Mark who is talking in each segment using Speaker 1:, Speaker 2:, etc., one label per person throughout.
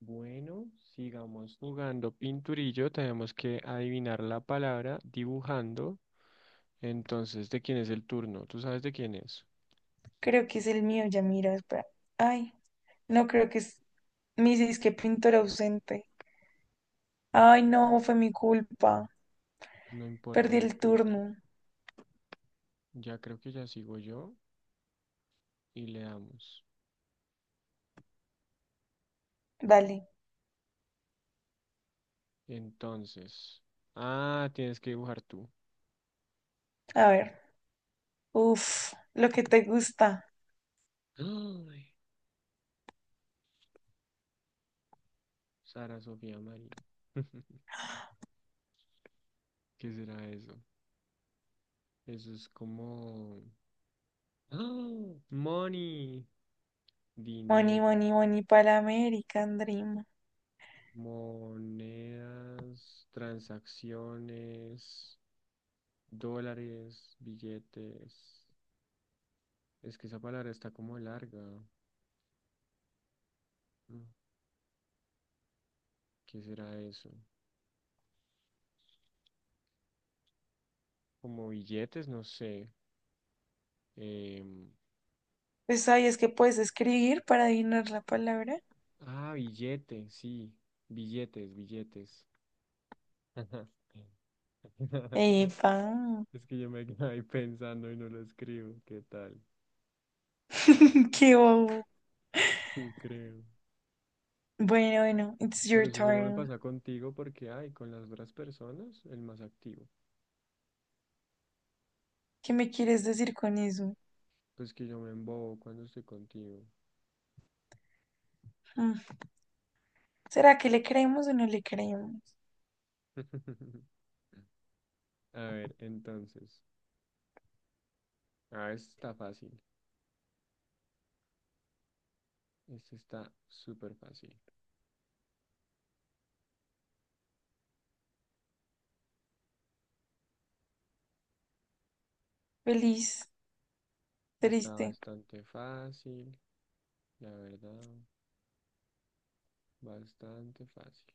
Speaker 1: Bueno, sigamos jugando pinturillo. Tenemos que adivinar la palabra dibujando. Entonces, ¿de quién es el turno? ¿Tú sabes de quién es?
Speaker 2: Creo que es el mío, ya mira, espera. Ay, no creo que es mi disque pintor ausente. Ay, no, fue mi culpa.
Speaker 1: No importa,
Speaker 2: Perdí
Speaker 1: no
Speaker 2: el
Speaker 1: importa.
Speaker 2: turno.
Speaker 1: Ya creo que ya sigo yo y le damos.
Speaker 2: Dale,
Speaker 1: Entonces, tienes que dibujar tú.
Speaker 2: a ver. Uf, lo que te gusta.
Speaker 1: Ay, Sara Sofía María. ¿Qué será eso? Eso es como... ¡Ah! Money,
Speaker 2: Money,
Speaker 1: dinero.
Speaker 2: money, money para American Dream.
Speaker 1: Monedas, transacciones, dólares, billetes. Es que esa palabra está como larga. Mm, ¿Qué será eso? Como billetes, no sé. Em,
Speaker 2: Pues sabías que puedes escribir para adivinar la palabra.
Speaker 1: billete, sí. Billetes, billetes.
Speaker 2: Epa,
Speaker 1: Es que yo me quedé ahí pensando y no lo escribo. ¿Qué tal?
Speaker 2: qué bobo.
Speaker 1: Sí, creo.
Speaker 2: Bueno, bueno, it's your
Speaker 1: Pero eso solo me
Speaker 2: turn.
Speaker 1: pasa contigo porque, ay, con las otras personas, el más activo.
Speaker 2: ¿Qué me quieres decir con eso?
Speaker 1: Pues que yo me embobo cuando estoy contigo.
Speaker 2: Mm, ¿Será que le creemos o no le creemos?
Speaker 1: A ver, entonces. Ah, esta está fácil. Esta está súper fácil.
Speaker 2: Feliz,
Speaker 1: Está
Speaker 2: triste.
Speaker 1: bastante fácil, la verdad. Bastante fácil.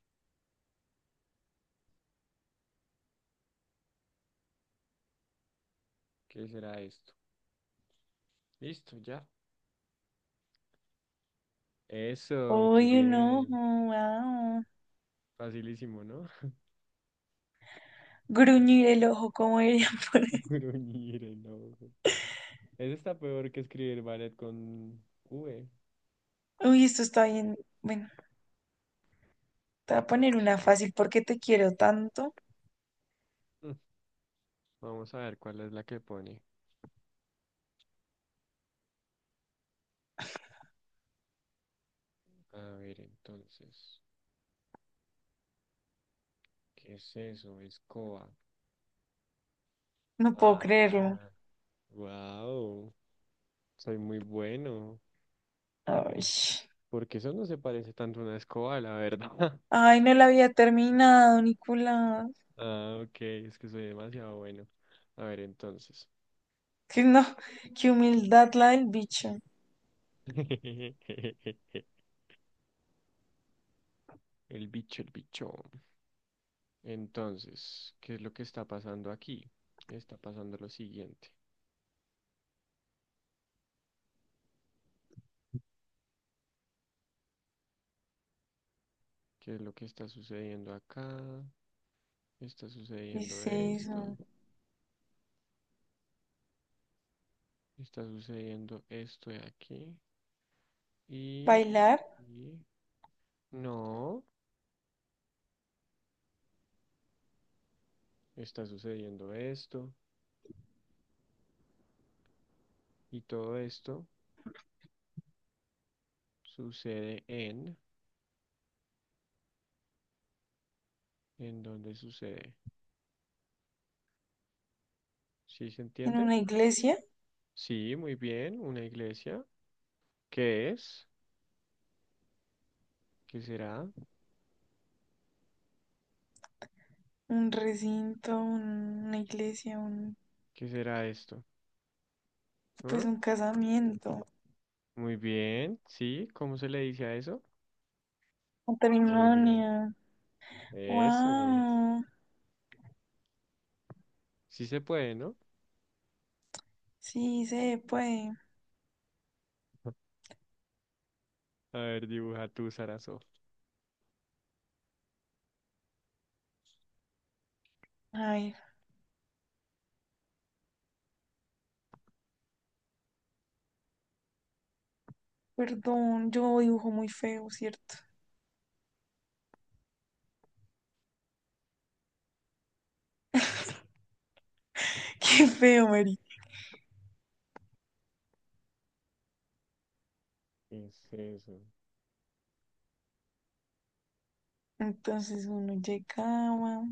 Speaker 1: ¿Qué será esto? Listo, ya. Eso, muy
Speaker 2: Uy, un ojo,
Speaker 1: bien.
Speaker 2: wow.
Speaker 1: Facilísimo, ¿no?
Speaker 2: Gruñir el ojo, como dirían por ahí.
Speaker 1: Gruñir el ojo. Está peor que escribir ballet con V.
Speaker 2: Uy, esto está bien. Bueno, te voy a poner una fácil. ¿Por qué te quiero tanto?
Speaker 1: Mm. Vamos a ver cuál es la que pone. A ver, entonces. ¿Qué es eso? Escoba.
Speaker 2: No puedo
Speaker 1: Ah,
Speaker 2: creerlo.
Speaker 1: wow, soy muy bueno,
Speaker 2: Ay,
Speaker 1: porque eso no se parece tanto a una escoba, la verdad.
Speaker 2: ay, no la había terminado, Nicolás.
Speaker 1: Ah, ok, es que soy demasiado bueno. A ver, entonces.
Speaker 2: Que no, qué humildad la del bicho.
Speaker 1: El bicho, el bicho. Entonces, ¿qué es lo que está pasando aquí? Está pasando lo siguiente. ¿Qué es lo que está sucediendo acá? Está
Speaker 2: ¿Qué
Speaker 1: sucediendo
Speaker 2: es
Speaker 1: esto.
Speaker 2: eso?
Speaker 1: Está sucediendo esto de aquí. Y,
Speaker 2: ¿Bailar
Speaker 1: y... No. Está sucediendo esto y todo esto sucede ¿en dónde sucede? ¿Sí se
Speaker 2: en
Speaker 1: entiende?
Speaker 2: una iglesia?
Speaker 1: Sí, muy bien, una iglesia. ¿Qué es? ¿Qué será?
Speaker 2: Un recinto, una iglesia, un,
Speaker 1: ¿Qué será esto?
Speaker 2: pues
Speaker 1: ¿Ah?
Speaker 2: un casamiento,
Speaker 1: Muy bien, sí, ¿cómo se le dice a eso? Muy bien,
Speaker 2: matrimonio.
Speaker 1: eso.
Speaker 2: Wow.
Speaker 1: Sí se puede, ¿no?
Speaker 2: Sí, se puede.
Speaker 1: A ver, dibuja tú, Sarazo.
Speaker 2: Ay, perdón, yo dibujo muy feo, ¿cierto? Qué feo, Mary.
Speaker 1: ¿Qué es eso?
Speaker 2: Entonces uno llegaba.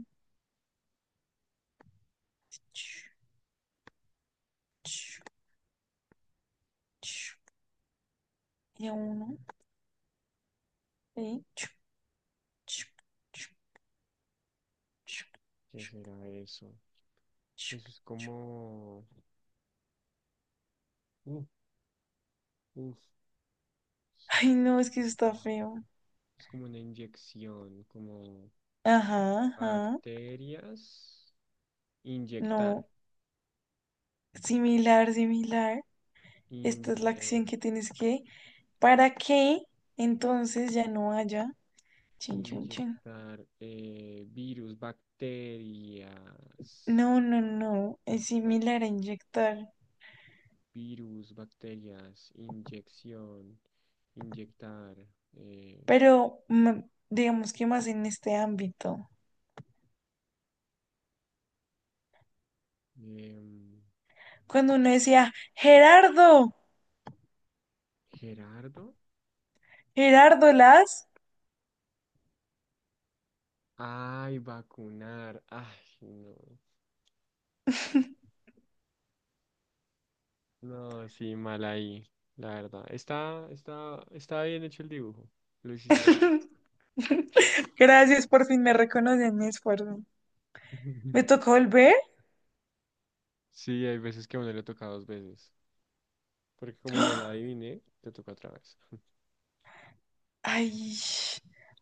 Speaker 2: Chu, chu, chu, y a uno. Ahí, chu, chu, chu, chu,
Speaker 1: ¿Qué
Speaker 2: chu,
Speaker 1: será eso?
Speaker 2: chu,
Speaker 1: Eso es
Speaker 2: chu.
Speaker 1: como... Uf, uf, eso
Speaker 2: Ay,
Speaker 1: está
Speaker 2: no, es que eso está
Speaker 1: complicado.
Speaker 2: feo.
Speaker 1: Es como una inyección, como
Speaker 2: Ajá, ajá.
Speaker 1: bacterias, inyectar,
Speaker 2: No, similar, similar. Esta es la acción
Speaker 1: inye-
Speaker 2: que tienes que. ¿Para que entonces ya no haya? Chin, chin, chin.
Speaker 1: inyectar, virus, bacterias,
Speaker 2: No, no, no. Es
Speaker 1: bac-
Speaker 2: similar a inyectar.
Speaker 1: virus, bacterias, inyección, inyectar. eh,
Speaker 2: Pero digamos que más en este ámbito.
Speaker 1: em,
Speaker 2: Cuando uno decía, Gerardo,
Speaker 1: Gerardo,
Speaker 2: Gerardo Las,
Speaker 1: ay, vacunar, ay, no, no, sí, mal ahí, la verdad. Está bien hecho el dibujo, lo hiciste
Speaker 2: gracias, por fin me reconocen mi esfuerzo.
Speaker 1: bien.
Speaker 2: ¿Me tocó volver?
Speaker 1: Sí, hay veces que a uno le toca dos veces, porque como no la adiviné, te toca otra vez.
Speaker 2: Ay,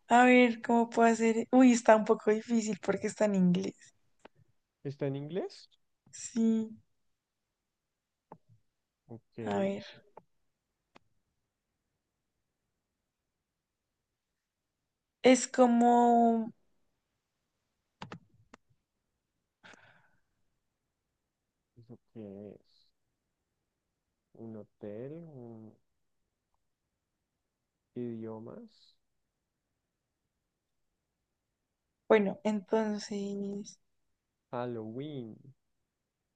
Speaker 2: a ver, ¿cómo puedo hacer? Uy, está un poco difícil porque está en inglés.
Speaker 1: ¿Está en inglés?
Speaker 2: Sí,
Speaker 1: Ok,
Speaker 2: a ver. Es como,
Speaker 1: ¿eso qué es? ¿Un hotel? ¿Un idiomas?
Speaker 2: bueno, entonces,
Speaker 1: Halloween.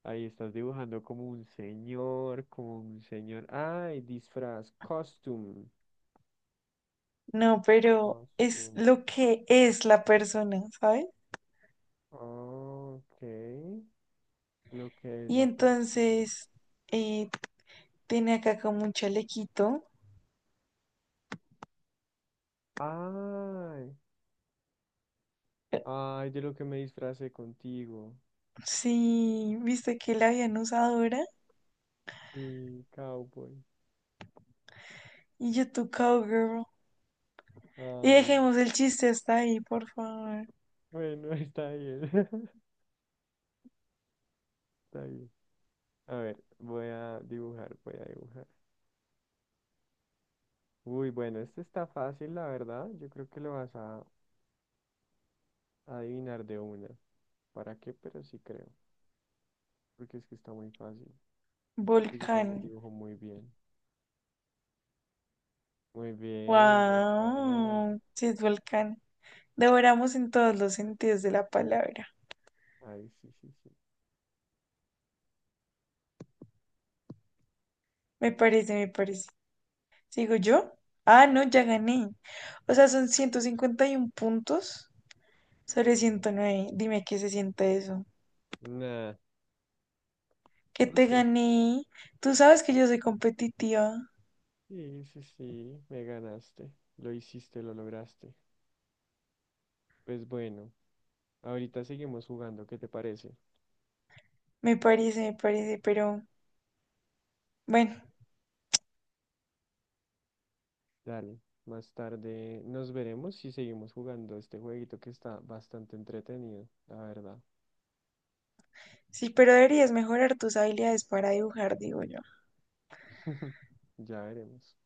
Speaker 1: Ahí estás dibujando como un señor, como un señor. Ay, disfraz, costume.
Speaker 2: no, pero es
Speaker 1: Costume.
Speaker 2: lo que es la persona, ¿sabes?
Speaker 1: Ok, lo que es
Speaker 2: Y
Speaker 1: la persona.
Speaker 2: entonces eh, tiene acá como un chalequito.
Speaker 1: Ay,
Speaker 2: Eh,
Speaker 1: ay, de lo que me disfracé contigo.
Speaker 2: Sí, viste que la habían usado ahora.
Speaker 1: Sí, cowboy.
Speaker 2: Y yo tu cowgirl. Y
Speaker 1: Ay,
Speaker 2: dejemos el chiste hasta ahí, por favor.
Speaker 1: bueno, está bien. Está bien. A ver, voy a dibujar, voy a dibujar. Uy, bueno, este está fácil, la verdad. Yo creo que lo vas a adivinar de una. ¿Para qué? Pero sí creo. Porque es que está muy fácil. Y pues yo también
Speaker 2: Volcán.
Speaker 1: dibujo muy bien. Muy bien, un volcán.
Speaker 2: Wow. Sí, es volcán. Devoramos en todos los sentidos de la palabra.
Speaker 1: Ay, sí, sí, sí.
Speaker 2: Me parece, me parece. ¿Sigo yo? Ah, no, ya gané. O sea, son 151 puntos sobre 109. Dime qué se siente eso.
Speaker 1: Nah, nah,
Speaker 2: Que
Speaker 1: no
Speaker 2: te
Speaker 1: sé.
Speaker 2: gané. Tú sabes que yo soy competitiva.
Speaker 1: Sí, sí, sí, me ganaste. Lo hiciste, lo lograste. Pues bueno, ahorita seguimos jugando. ¿Qué te parece?
Speaker 2: Me parece, pero bueno,
Speaker 1: Dale, más tarde nos veremos y seguimos jugando este jueguito que está bastante entretenido, la verdad.
Speaker 2: sí, pero deberías mejorar tus habilidades para dibujar, digo yo.
Speaker 1: Ya veremos.